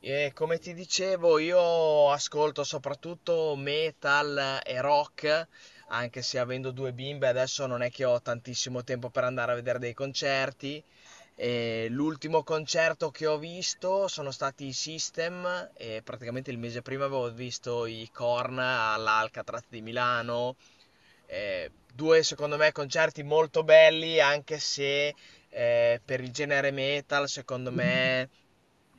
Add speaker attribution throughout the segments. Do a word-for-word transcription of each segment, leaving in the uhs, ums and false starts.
Speaker 1: E come ti dicevo, io ascolto soprattutto metal e rock, anche se avendo due bimbe adesso non è che ho tantissimo tempo per andare a vedere dei concerti. E l'ultimo concerto che ho visto sono stati i System e praticamente il mese prima avevo visto i Korn all'Alcatraz di Milano. Eh, due, secondo me, concerti molto belli, anche se eh, per il genere metal, secondo me,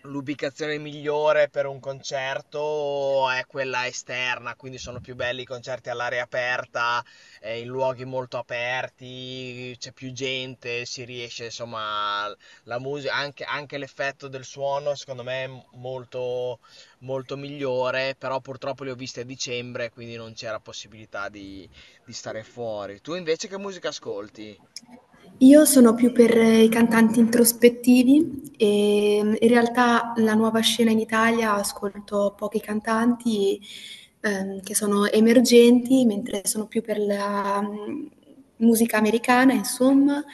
Speaker 1: l'ubicazione migliore per un concerto è quella esterna, quindi sono più belli i concerti all'aria aperta, eh, in luoghi molto aperti, c'è più gente, si riesce, insomma, la musica, anche, anche l'effetto del suono, secondo me, è molto, molto migliore, però purtroppo le ho viste a dicembre, quindi non c'era possibilità di, di stare fuori. Tu invece che musica ascolti?
Speaker 2: Io sono più per eh, i cantanti introspettivi
Speaker 1: Ok.
Speaker 2: e mm, in realtà la nuova scena in Italia ascolto pochi cantanti ehm, che sono emergenti, mentre sono più per la mh, musica americana, insomma,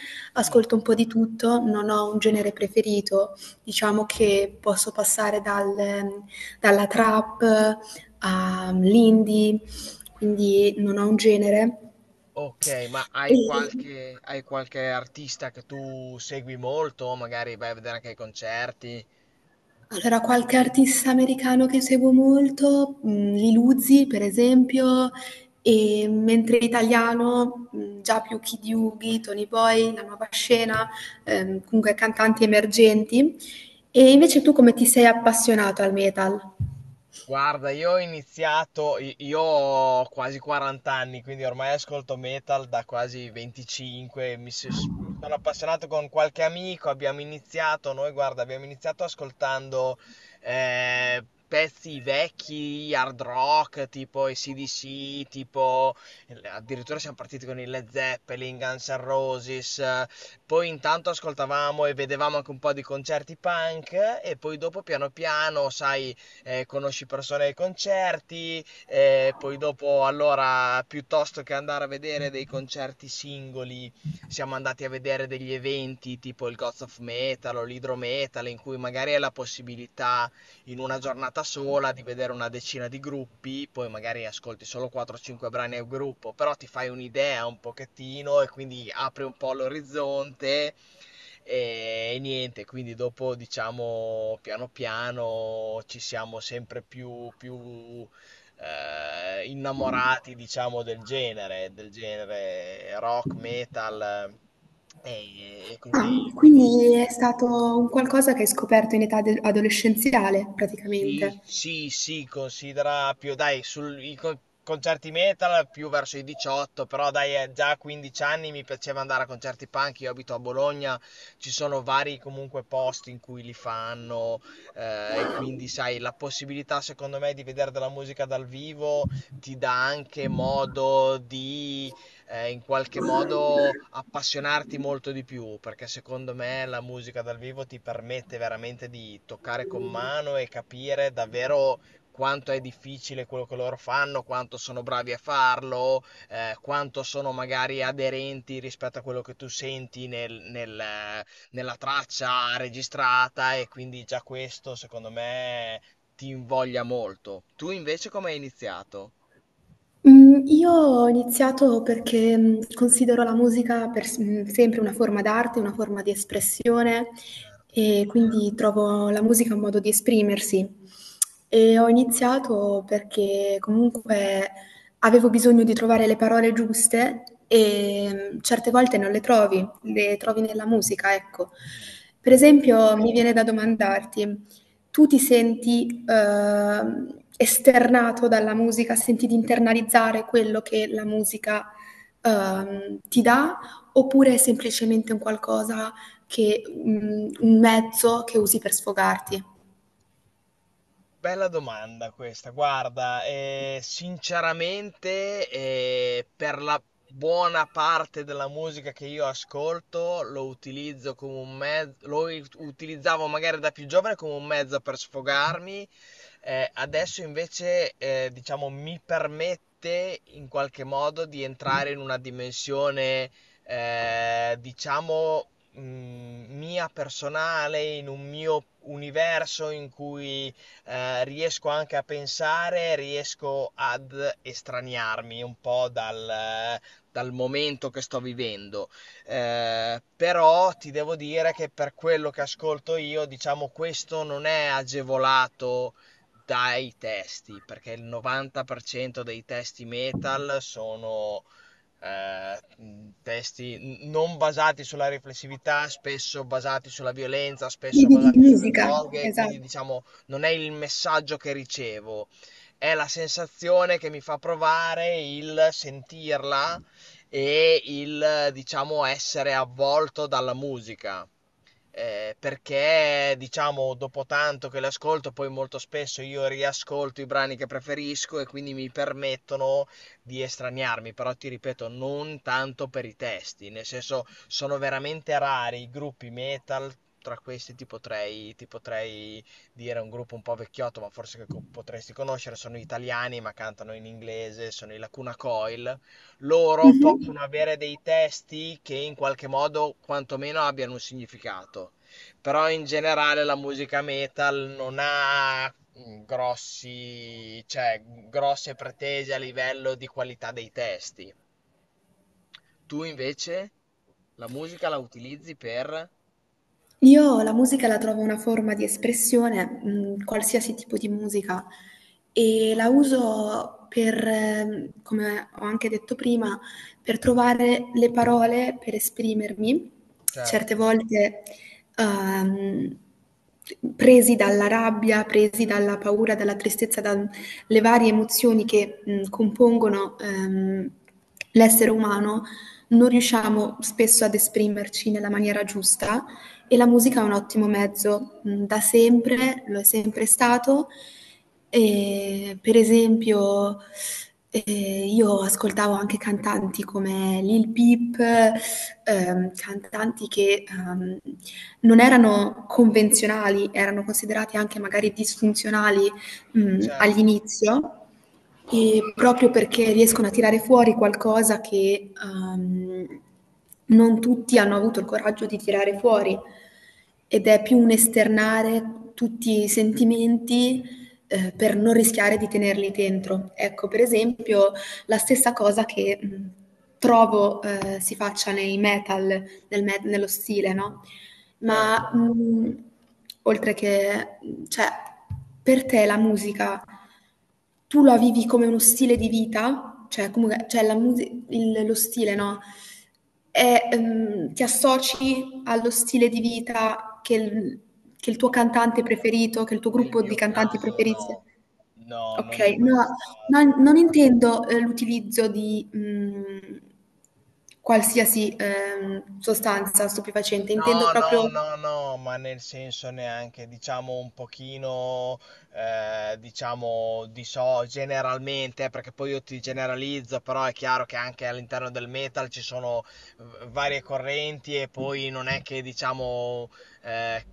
Speaker 1: Sì.
Speaker 2: ascolto un po' di tutto, non ho un genere preferito, diciamo che posso passare dal- mm, dalla trap ehm, all'indie, quindi non ho un genere.
Speaker 1: Ok, ma hai
Speaker 2: E-
Speaker 1: qualche, hai qualche artista che tu segui molto? Magari vai a vedere anche i concerti?
Speaker 2: Allora, qualche artista americano che seguo molto, mhmm, Lil Uzi per esempio, e mentre italiano, mhmm, già più Kid Yugi, Tony Boy, La Nuova Scena, ehm, comunque cantanti emergenti. E invece tu come ti sei appassionato al metal?
Speaker 1: Guarda, io ho iniziato, i- io ho quasi quaranta anni, quindi ormai ascolto metal da quasi venticinque, mi, s- mi sono appassionato con qualche amico, abbiamo iniziato, noi guarda, abbiamo iniziato ascoltando eh, pezzi vecchi, hard rock, tipo A C/D C, tipo addirittura siamo partiti con i Led Zeppelin, Guns N' Roses, eh, poi intanto ascoltavamo e vedevamo anche un po' di concerti punk eh, e poi dopo piano piano, sai eh, conosci persone ai concerti, eh, poi dopo allora piuttosto che andare a vedere dei concerti singoli, siamo andati a vedere degli eventi tipo il Gods of Metal o l'Hydro Metal in cui magari hai la possibilità in una giornata sola di vedere una decina di gruppi, poi magari ascolti solo quattro o cinque brani a gruppo, però ti fai un'idea un pochettino e quindi apri un po' l'orizzonte e e niente, quindi dopo diciamo piano piano ci siamo sempre più, più eh, innamorati diciamo del genere, del genere rock, metal eh, e, e
Speaker 2: Ah,
Speaker 1: così, quindi.
Speaker 2: quindi è stato un qualcosa che hai scoperto in età de adolescenziale
Speaker 1: Sì,
Speaker 2: praticamente.
Speaker 1: sì, sì, considera più, dai, sul, i con- concerti metal più verso i diciotto, però dai, eh, già a quindici anni mi piaceva andare a concerti punk, io abito a Bologna, ci sono vari comunque posti in cui li fanno, eh, e quindi sai, la possibilità secondo me di vedere della musica dal vivo ti dà anche modo di eh, in qualche modo appassionarti molto di più, perché secondo me la musica dal vivo ti permette veramente di toccare con mano e capire davvero quanto è difficile quello che loro fanno, quanto sono bravi a farlo, eh, quanto sono magari aderenti rispetto a quello che tu senti nel- nel, eh, nella traccia registrata e quindi già questo secondo me ti invoglia molto. Tu invece come hai iniziato?
Speaker 2: Mhmm, io ho iniziato perché, mhmm, considero la musica per s mhmm, sempre una forma d'arte, una forma di espressione,
Speaker 1: Certo,
Speaker 2: e quindi trovo la musica un modo di esprimersi. E ho iniziato perché comunque avevo bisogno di trovare le parole giuste e, mhmm, certe volte non le trovi, le trovi nella musica, ecco.
Speaker 1: vero,
Speaker 2: Per
Speaker 1: vero.
Speaker 2: esempio mi viene da domandarti: tu ti senti ehm, esternato dalla musica, senti di internalizzare quello che la musica ehm, ti dà, oppure è semplicemente un qualcosa che, mh, un mezzo che usi per sfogarti?
Speaker 1: Bella domanda questa, guarda, eh, sinceramente eh, per la buona parte della musica che io ascolto lo utilizzo come un mezzo, lo ut- utilizzavo magari da più giovane come un mezzo per sfogarmi, eh, adesso invece eh, diciamo mi permette in qualche modo di entrare in una dimensione eh, diciamo mh, mia personale, in un mio universo in cui eh, riesco anche a pensare, riesco ad estraniarmi un po' dal, dal momento che sto vivendo. Eh, però ti devo dire che per quello che ascolto io, diciamo, questo non è agevolato dai testi, perché il novanta per cento dei testi metal sono eh, mh, testi n- non basati sulla riflessività, spesso basati sulla violenza, spesso
Speaker 2: Vivi di
Speaker 1: basati sulle
Speaker 2: musica,
Speaker 1: droghe,
Speaker 2: esatto.
Speaker 1: quindi diciamo non è il messaggio che ricevo, è la sensazione che mi fa provare il sentirla e il diciamo essere avvolto dalla musica eh, perché diciamo dopo tanto che le ascolto, poi molto spesso io riascolto i brani che preferisco e quindi mi permettono di estraniarmi, però ti ripeto, non tanto per i testi, nel senso sono veramente rari i gruppi metal. Tra questi ti potrei, ti potrei dire un gruppo un po' vecchiotto, ma forse che co- potresti conoscere, sono italiani ma cantano in inglese, sono i Lacuna Coil, loro
Speaker 2: Mh-mh.
Speaker 1: possono avere dei testi che in qualche modo quantomeno abbiano un significato. Però in generale la musica metal non ha mm, grossi, cioè, grosse pretese a livello di qualità dei testi. Tu invece la musica la utilizzi per...
Speaker 2: Io la musica la trovo una forma di espressione, mhmm, qualsiasi tipo di musica. E la uso per, ehm, come ho anche detto prima, per trovare le parole per esprimermi, certe
Speaker 1: Certo,
Speaker 2: volte, ehm, presi dalla rabbia, presi dalla paura, dalla tristezza, dalle varie emozioni che, mhmm, compongono, ehm, l'essere umano, non riusciamo spesso ad esprimerci nella maniera giusta e la musica è un ottimo mezzo, mhmm, da sempre, lo è sempre stato. Ehm, per esempio, ehm, io ascoltavo anche cantanti come Lil Peep, ehm, cantanti che, uhm, non erano convenzionali, erano considerati anche magari disfunzionali, mhmm,
Speaker 1: certo,
Speaker 2: all'inizio. E proprio perché riescono a tirare fuori qualcosa che ehm, non tutti hanno avuto il coraggio di tirare fuori, ed è più un esternare tutti i sentimenti, eh, per non rischiare di tenerli dentro. Ecco, per esempio, la stessa cosa che mh, trovo eh, si faccia nei metal, nel me- nello stile, no? Ma,
Speaker 1: certo.
Speaker 2: mhmm, oltre che mhmm, cioè, per te la musica tu la vivi come uno stile di vita? Cioè comunque cioè la musi il lo stile, no, è ehm, ti associ allo stile di vita che il che il tuo
Speaker 1: No,
Speaker 2: cantante preferito, che il tuo
Speaker 1: nel
Speaker 2: gruppo di
Speaker 1: mio
Speaker 2: cantanti
Speaker 1: caso
Speaker 2: preferisse.
Speaker 1: no. No, non è
Speaker 2: Okay,
Speaker 1: mai
Speaker 2: no, non
Speaker 1: stato.
Speaker 2: non intendo, ehm, l'utilizzo di, mhmm, qualsiasi, ehm, sostanza stupefacente, intendo
Speaker 1: No, no,
Speaker 2: proprio.
Speaker 1: no, no, ma nel senso neanche, diciamo un pochino, eh, diciamo, di so generalmente, perché poi io ti generalizzo, però è chiaro che anche all'interno del metal ci sono v- varie correnti e poi non è che, diciamo, eh,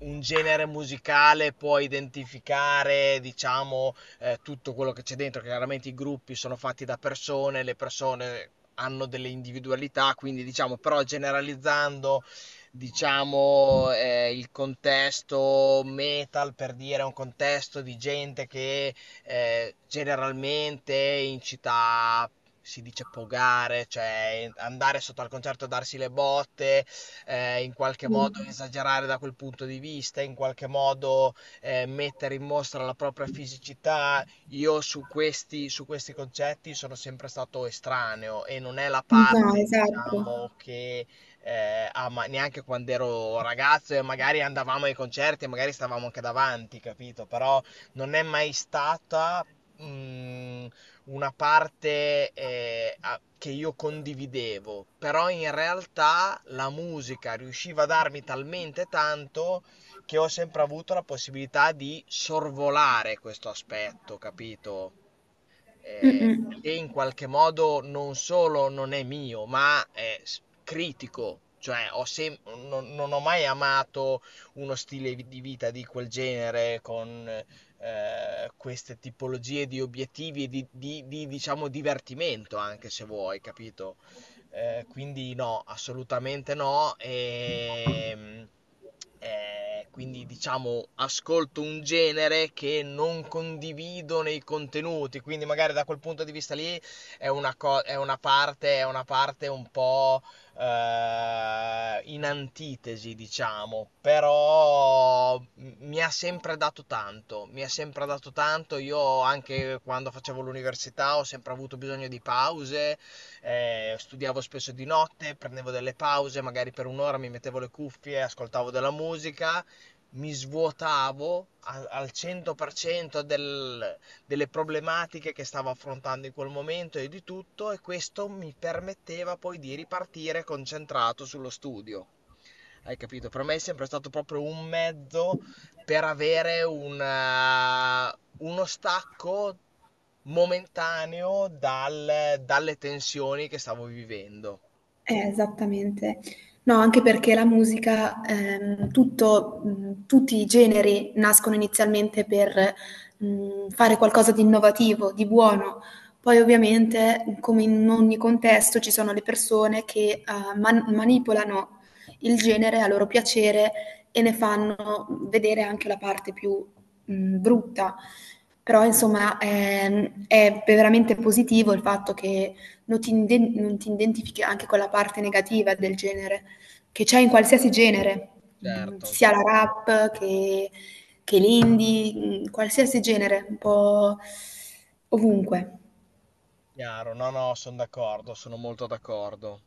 Speaker 1: un genere musicale può identificare, diciamo, eh, tutto quello che c'è dentro, che chiaramente i gruppi sono fatti da persone, le persone... hanno delle individualità, quindi diciamo, però generalizzando, diciamo, eh, il contesto metal, per dire, è un contesto di gente che eh, generalmente in città si dice pogare, cioè andare sotto al concerto e darsi le botte, eh, in qualche modo
Speaker 2: Mh.
Speaker 1: esagerare da quel punto di vista, in qualche modo eh, mettere in mostra la propria fisicità. Io su questi, su questi concetti sono sempre stato estraneo e non è la
Speaker 2: No,
Speaker 1: parte,
Speaker 2: esatto.
Speaker 1: diciamo, che eh, a ma- neanche quando ero ragazzo e magari andavamo ai concerti e magari stavamo anche davanti, capito? Però non è mai stata mh, una parte eh, a- che io condividevo, però in realtà la musica riusciva a darmi talmente tanto che ho sempre avuto la possibilità di sorvolare questo aspetto, capito? Eh,
Speaker 2: Mh-mh.
Speaker 1: che in qualche modo non solo non è mio, ma è s- critico. Cioè, ho sem- non, non ho mai amato uno stile vi- di vita di quel genere con eh, queste tipologie di obiettivi e di, di- di, diciamo, divertimento, anche se vuoi, capito? Eh, quindi no, assolutamente no. E, eh, quindi diciamo ascolto un genere che non condivido nei contenuti, quindi magari da quel punto di vista lì è una, co- è una parte, è una parte un po' eh, in antitesi, diciamo, però m- mi ha sempre dato tanto, mi ha sempre dato tanto. Io anche quando facevo l'università ho sempre avuto bisogno di pause eh, studiavo spesso di notte, prendevo delle pause, magari per un'ora mi mettevo le cuffie, ascoltavo della musica, mi svuotavo a- al cento per cento del- delle problematiche che stavo affrontando in quel momento e di tutto, e questo mi permetteva poi di ripartire concentrato sullo studio. Hai capito? Per me è sempre stato proprio un mezzo per avere una- uno stacco momentaneo dal- dalle tensioni che stavo vivendo.
Speaker 2: Eh, esattamente. No, anche perché la musica, ehm, tutto, mh, tutti i generi nascono inizialmente per mh, fare qualcosa di innovativo, di buono. Poi ovviamente, come in ogni contesto, ci sono le persone che eh, man- manipolano il genere a loro piacere e ne fanno vedere anche la parte più mh, brutta. Però, insomma, ehm, è veramente positivo il fatto che non ti, inde- non ti identifichi anche con la parte negativa del genere, che c'è in qualsiasi genere, mm,
Speaker 1: Certo,
Speaker 2: sia la rap che, che l'indie, mm, qualsiasi genere, un po' ovunque.
Speaker 1: chiaro, no, no, sono d'accordo, sono molto d'accordo.